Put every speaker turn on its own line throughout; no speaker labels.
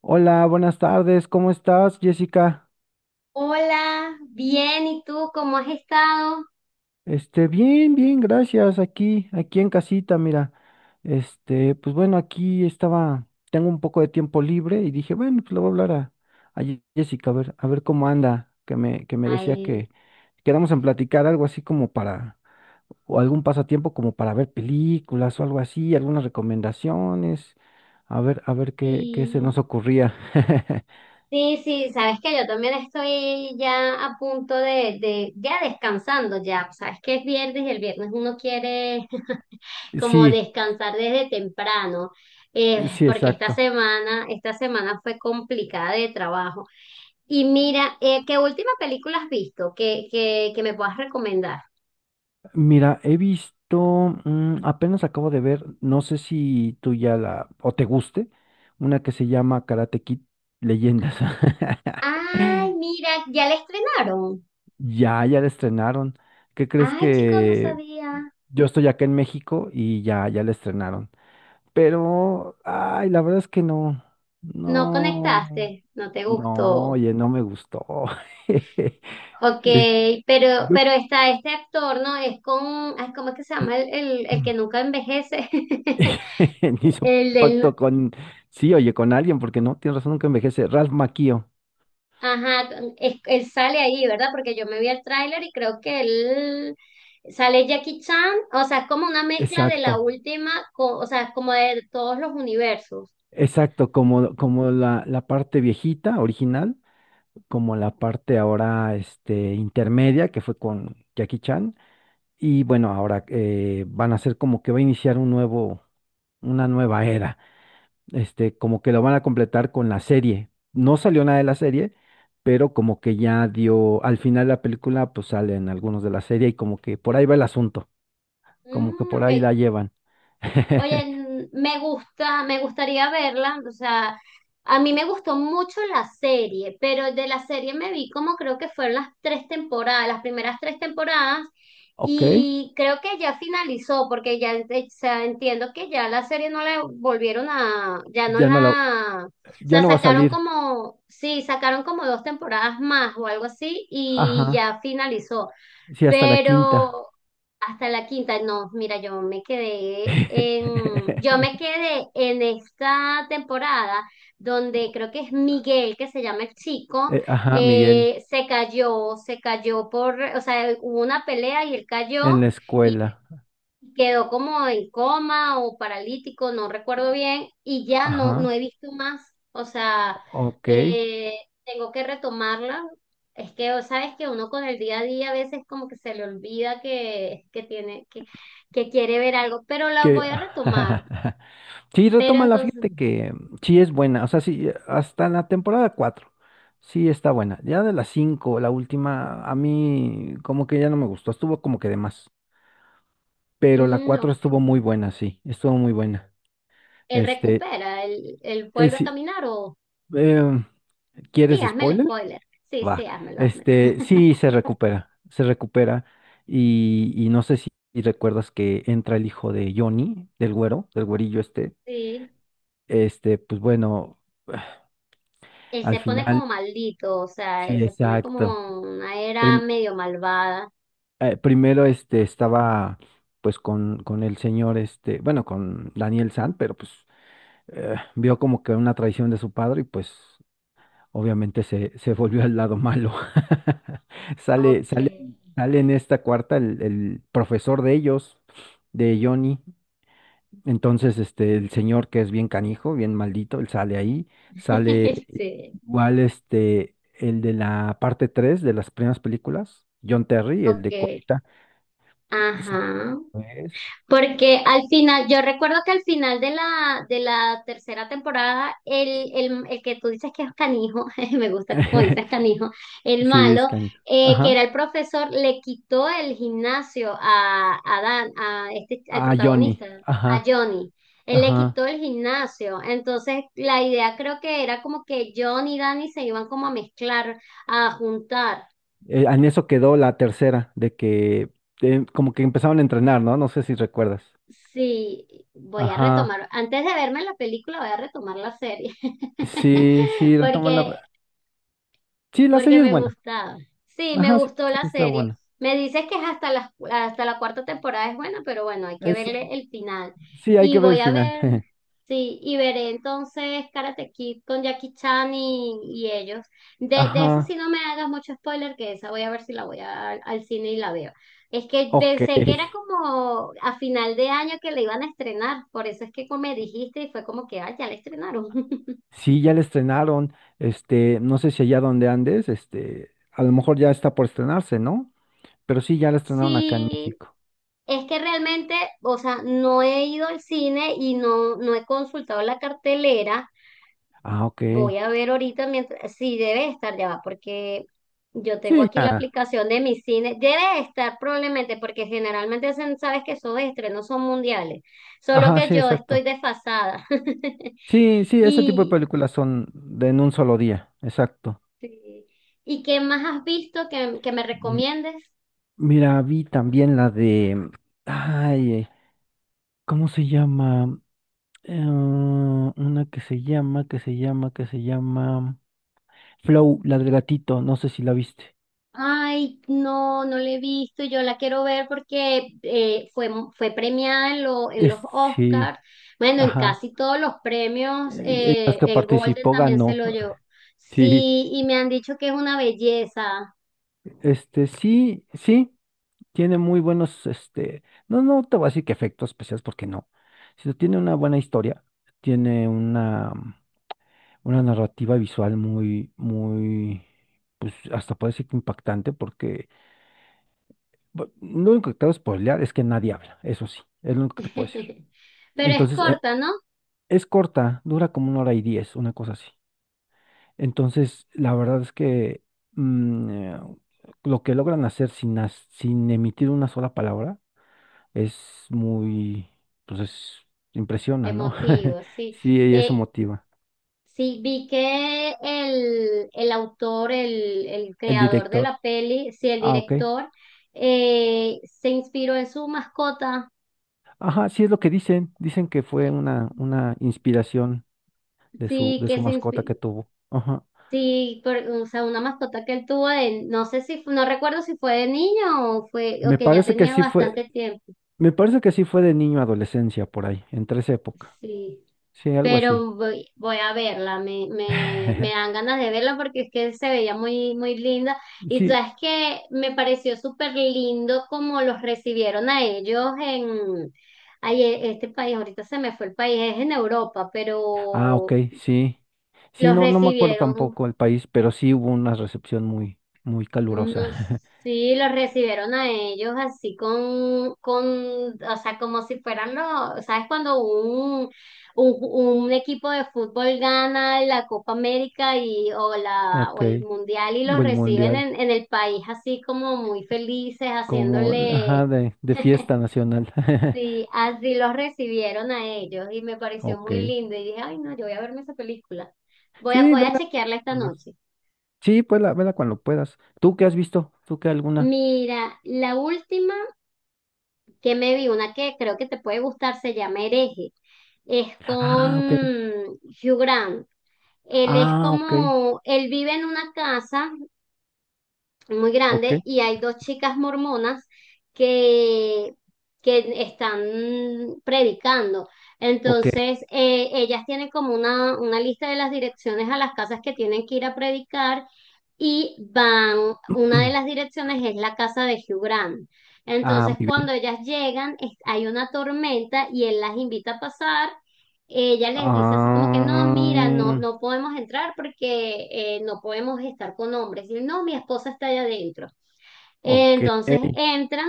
Hola, buenas tardes, ¿cómo estás, Jessica?
Hola, bien, ¿y tú cómo has estado?
Bien, bien, gracias, aquí en casita, mira. Pues bueno, aquí estaba, tengo un poco de tiempo libre y dije, bueno, pues le voy a hablar a Jessica, a ver cómo anda, que me decía
Ay,
que quedamos en platicar algo así como para, o algún pasatiempo como para ver películas o algo así, algunas recomendaciones, a ver qué se
sí,
nos ocurría.
sí, sí, sabes que yo también estoy ya a punto ya descansando ya, sabes que es viernes y el viernes uno quiere como
Sí,
descansar desde temprano,
sí,
porque
exacto.
esta semana fue complicada de trabajo. Y mira, ¿qué última película has visto que me puedas recomendar?
Mira, he visto, apenas acabo de ver, no sé si tú ya la, o te guste, una que se llama Karate Kid Leyendas.
Ay, mira, ya la estrenaron.
Ya, ya la estrenaron. ¿Qué crees
Ay, chicos, no
que
sabía.
yo estoy acá en México y ya, ya la estrenaron? Pero, ay, la verdad es que no,
No
no,
conectaste, no te
no,
gustó.
oye, no me gustó.
Ok,
Es-
pero,
yo-
pero está este actor, ¿no? Es con, ay, ¿cómo es que se llama? El que nunca envejece.
Hizo
El del,
pacto con, sí, oye, con alguien, porque no, tienes razón, nunca envejece. Ralph Macchio,
ajá, él sale ahí, ¿verdad? Porque yo me vi el tráiler y creo que él sale Jackie Chan, o sea, es como una mezcla de la
exacto,
última, o sea, como de todos los universos.
exacto, como la parte viejita, original, como la parte ahora, intermedia, que fue con Jackie Chan. Y bueno, ahora van a ser como que va a iniciar una nueva era. Como que lo van a completar con la serie. No salió nada de la serie, pero como que ya dio, al final de la película, pues salen algunos de la serie y como que por ahí va el asunto. Como que
Mm,
por
ok.
ahí la llevan.
Oye, me gusta, me gustaría verla, o sea, a mí me gustó mucho la serie, pero de la serie me vi como creo que fueron las tres temporadas, las primeras tres temporadas,
Ok,
y creo que ya finalizó, porque ya, o sea, entiendo que ya la serie no la volvieron a, ya no
ya no la,
la, o
ya
sea,
no va a
sacaron
salir.
como, sí, sacaron como dos temporadas más o algo así, y
Ajá,
ya finalizó.
sí, hasta la quinta.
Pero hasta la quinta, no, mira, yo me quedé en, yo me quedé en esta temporada donde creo que es Miguel, que se llama el chico,
Ajá, Miguel,
se cayó por, o sea, hubo una pelea y él cayó.
en la
Y
escuela.
quedó como en coma o paralítico, no recuerdo bien, y ya no, no
Ajá,
he visto más. O sea,
ok.
eh, tengo que retomarla. Es que, o sabes que uno con el día a día a veces como que se le olvida que tiene, que quiere ver algo, pero la
Que...
voy a retomar.
Sí,
Pero
retómala,
entonces,
fíjate que sí es buena, o sea, sí, hasta la temporada 4, sí está buena. Ya de la 5 la última, a mí como que ya no me gustó, estuvo como que de más, pero la
mm,
4
ok.
estuvo muy buena, sí, estuvo muy buena.
Él
Este,
recupera, él
Eh,
vuelve a
sí,
caminar o
em,
sí,
¿quieres
hazme el
spoiler?
spoiler. Sí,
Va.
sí, házmelo, házmelo.
Sí, se recupera, se recupera. Y no sé si recuerdas que entra el hijo de Johnny, del güero, del güerillo este.
Sí.
Pues bueno,
Él
al
se pone como
final,
maldito, o sea, él
sí,
se pone
exacto.
como una era
Prim-
medio malvada.
primero estaba pues con el señor, bueno, con Daniel San, pero pues vio como que una traición de su padre y pues obviamente se volvió al lado malo. Sale,
Ok.
sale, sale en esta cuarta el profesor de ellos, de Johnny. Entonces, el señor que es bien canijo, bien maldito, él sale ahí. Sale
Sí,
igual el de la parte 3 de las primeras películas, John Terry, el de
ok.
Colita. Ese
Ajá.
es.
Porque al final, yo recuerdo que al final de la tercera temporada, el que tú dices que es canijo, me gusta como dices canijo, el
Sí, es
malo,
canijo.
que
Ajá.
era el profesor, le quitó el gimnasio a Dan, a este, al
A Johnny.
protagonista, a
Ajá.
Johnny. Él le
Ajá.
quitó el gimnasio. Entonces, la idea creo que era como que Johnny y Danny se iban como a mezclar, a juntar.
En eso quedó la tercera, de que como que empezaban a entrenar, ¿no? No sé si recuerdas.
Sí, voy a
Ajá.
retomar, antes de verme la película, voy a retomar la serie,
Sí, sí, retoman
porque
la... Sí, la
porque
serie es
me
buena.
gustaba. Sí, me
Ajá, sí,
gustó
la
la
serie está
serie.
buena.
Me dices que es hasta la cuarta temporada es buena, pero bueno, hay que verle
Sí,
el final.
sí, hay
Y
que ver el
voy a
final.
ver, sí, y veré entonces Karate Kid con Jackie Chan y ellos. De esa
Ajá.
sí no me hagas mucho spoiler, que esa voy a ver si la al cine y la veo. Es que
Ok.
pensé que era como a final de año que la iban a estrenar, por eso es que como me dijiste y fue como que, ah, ya la estrenaron.
Sí, ya la estrenaron. No sé si allá donde andes, a lo mejor ya está por estrenarse, ¿no? Pero sí, ya la estrenaron acá en
Sí.
México.
Es que realmente, o sea, no he ido al cine y no, no he consultado la cartelera.
Ah, ok.
Voy a ver ahorita mientras, sí, debe estar ya va, porque yo tengo
Sí,
aquí la
ya.
aplicación de mi cine. Debe estar probablemente, porque generalmente sabes que esos estrenos son mundiales. Solo
Ajá,
que
sí,
yo estoy
exacto.
desfasada.
Sí, sí, ese tipo de
Y,
películas son de en un solo día, exacto.
sí. ¿Y qué más has visto que me
M-
recomiendes?
Mira, vi también la de, ay, ¿cómo se llama? Una que se llama, Flow, la del gatito, no sé si la viste.
Ay, no, no la he visto, yo la quiero ver porque fue, fue premiada en, en los
Es,
Oscars,
sí,
bueno, en
ajá.
casi todos los premios,
Las que
el Golden
participó
también se
ganó.
lo llevó.
Sí,
Sí, y me han dicho que es una belleza,
sí, sí. Tiene muy buenos, no, no te voy a decir que efectos especiales porque no, sino tiene una buena historia, tiene una narrativa visual muy, muy, pues hasta puede ser que impactante porque lo único que te voy a spoilear es que nadie habla, eso sí, es lo único que te puedo decir.
pero es
Entonces,
corta, ¿no?
es corta, dura como una hora y 10, una cosa así. Entonces, la verdad es que mm, eh, lo que logran hacer sin emitir una sola palabra es muy, pues es, impresiona, ¿no?
Emotivo, sí.
Sí, y eso
Eh,
motiva.
sí, vi que el autor, el
El
creador de
director.
la peli, sí, el
Ah, ok.
director, se inspiró en su mascota.
Ajá, sí es lo que dicen. Dicen que fue una inspiración de su,
Sí,
de su mascota que tuvo. Ajá.
sí, o sea, una mascota que él tuvo de, no sé si, no recuerdo si fue de niño o fue, o
Me
que ya
parece que
tenía
sí fue,
bastante tiempo.
Me parece que sí fue de niño a adolescencia por ahí, entre esa época.
Sí,
Sí, algo así.
pero voy, voy a verla, me dan ganas de verla porque es que se veía muy, muy linda. Y
Sí.
sabes que me pareció súper lindo como los recibieron a ellos en, ay, este país, ahorita se me fue el país, es en Europa,
Ah, ok,
pero
sí. Sí,
los
no, no me acuerdo
recibieron.
tampoco el país, pero sí hubo una recepción muy, muy
No,
calurosa.
sí, los recibieron a ellos así con, o sea, como si fueran los, ¿sabes? Cuando un, un equipo de fútbol gana la Copa América y, o la,
Ok,
o el Mundial y los
el
reciben
mundial.
en el país así como muy felices,
Como,
haciéndole,
ajá, de fiesta nacional.
sí, así los recibieron a ellos y me pareció muy
Ok.
lindo y dije, ay, no, yo voy a verme esa película. Voy a,
Sí,
voy a
vela.
chequearla esta noche.
Sí, vela, vela cuando puedas. ¿Tú qué has visto? ¿Tú qué alguna?
Mira, la última que me vi una que creo que te puede gustar, se llama Hereje. Es con
Ah, ok.
Hugh Grant. Él es
Ah, ok.
como, él vive en una casa muy
Ok.
grande y hay dos chicas mormonas que, que están predicando.
Ok.
Entonces, ellas tienen como una lista de las direcciones a las casas que tienen que ir a predicar y van, una de las direcciones es la casa de Hugh Grant.
Ah,
Entonces,
muy
cuando
bien.
ellas llegan, hay una tormenta y él las invita a pasar. Ella les dice así como que no, mira, no,
Ah,
no podemos entrar porque no podemos estar con hombres. Y no, mi esposa está allá adentro.
ok.
Entonces entran,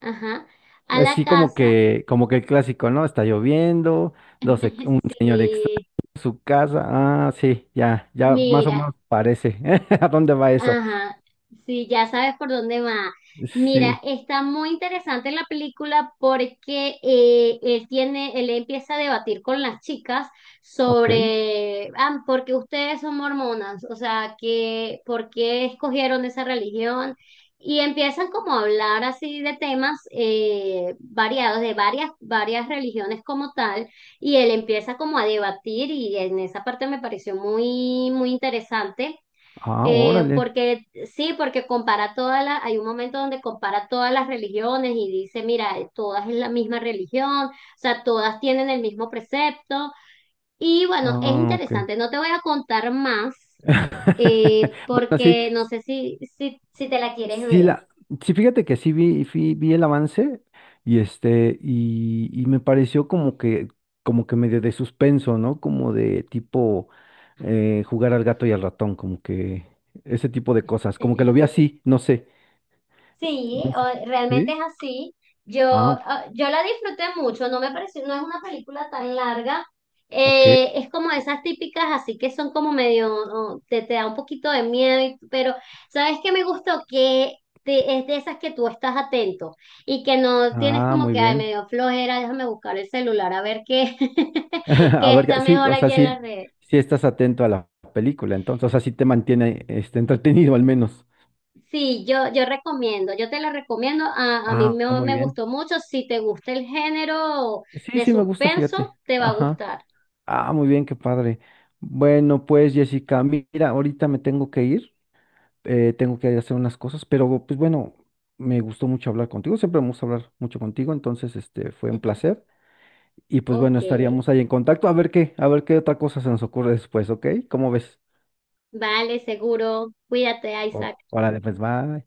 ajá, a la
Así
casa.
como que el clásico, ¿no? Está lloviendo, un señor extraño
Sí,
en su casa. Ah, sí, ya, ya más o
mira,
menos parece. ¿A dónde va eso?
ajá, sí, ya sabes por dónde va. Mira,
Sí.
está muy interesante la película porque él tiene, él empieza a debatir con las chicas
Ok.
sobre, ah, porque ustedes son mormonas, o sea, que, ¿por qué escogieron esa religión? Y empiezan como a hablar así de temas variados, de varias, varias religiones como tal, y él empieza como a debatir y en esa parte me pareció muy, muy interesante.
Ah, órale.
Porque sí, porque compara todas las, hay un momento donde compara todas las religiones y dice, mira, todas es la misma religión, o sea, todas tienen el mismo precepto. Y bueno, es
Ah, ok.
interesante, no te voy a contar más,
Bueno, sí,
porque no sé si te la quieres
sí
ver.
la, sí, fíjate que sí vi el avance y y me pareció como que medio de suspenso, ¿no? Como de tipo jugar al gato y al ratón, como que ese tipo de cosas, como que lo vi así, no sé.
Sí,
No sé.
realmente
¿Sí?
es así. Yo,
Ah,
ah, yo la disfruté mucho, no me pareció, no es una película tan larga.
ok.
Es como esas típicas, así que son como medio, oh, te da un poquito de miedo, pero ¿sabes qué me gustó? Que es de esas que tú estás atento y que no tienes
Ah,
como
muy
que, ay,
bien.
medio flojera, déjame buscar el celular a ver qué,
A
qué
ver,
está
sí,
mejor
o sea,
aquí en la
sí,
red.
sí estás atento a la película, entonces, o sea, sí te mantiene entretenido al menos.
Sí, yo recomiendo, yo te la recomiendo, a mí
Ah,
me,
muy
me
bien.
gustó mucho, si te gusta el género
Sí,
de
sí, me gusta,
suspenso,
fíjate.
te va a
Ajá.
gustar.
Ah, muy bien, qué padre. Bueno, pues Jessica, mira, ahorita me tengo que ir, tengo que hacer unas cosas, pero pues bueno, me gustó mucho hablar contigo, siempre me gusta hablar mucho contigo, entonces este fue un placer y pues bueno,
Ok,
estaríamos ahí en contacto a ver qué otra cosa se nos ocurre después, ¿ok? ¿Cómo ves?
vale, seguro, cuídate, Isaac.
Órale, pues bye.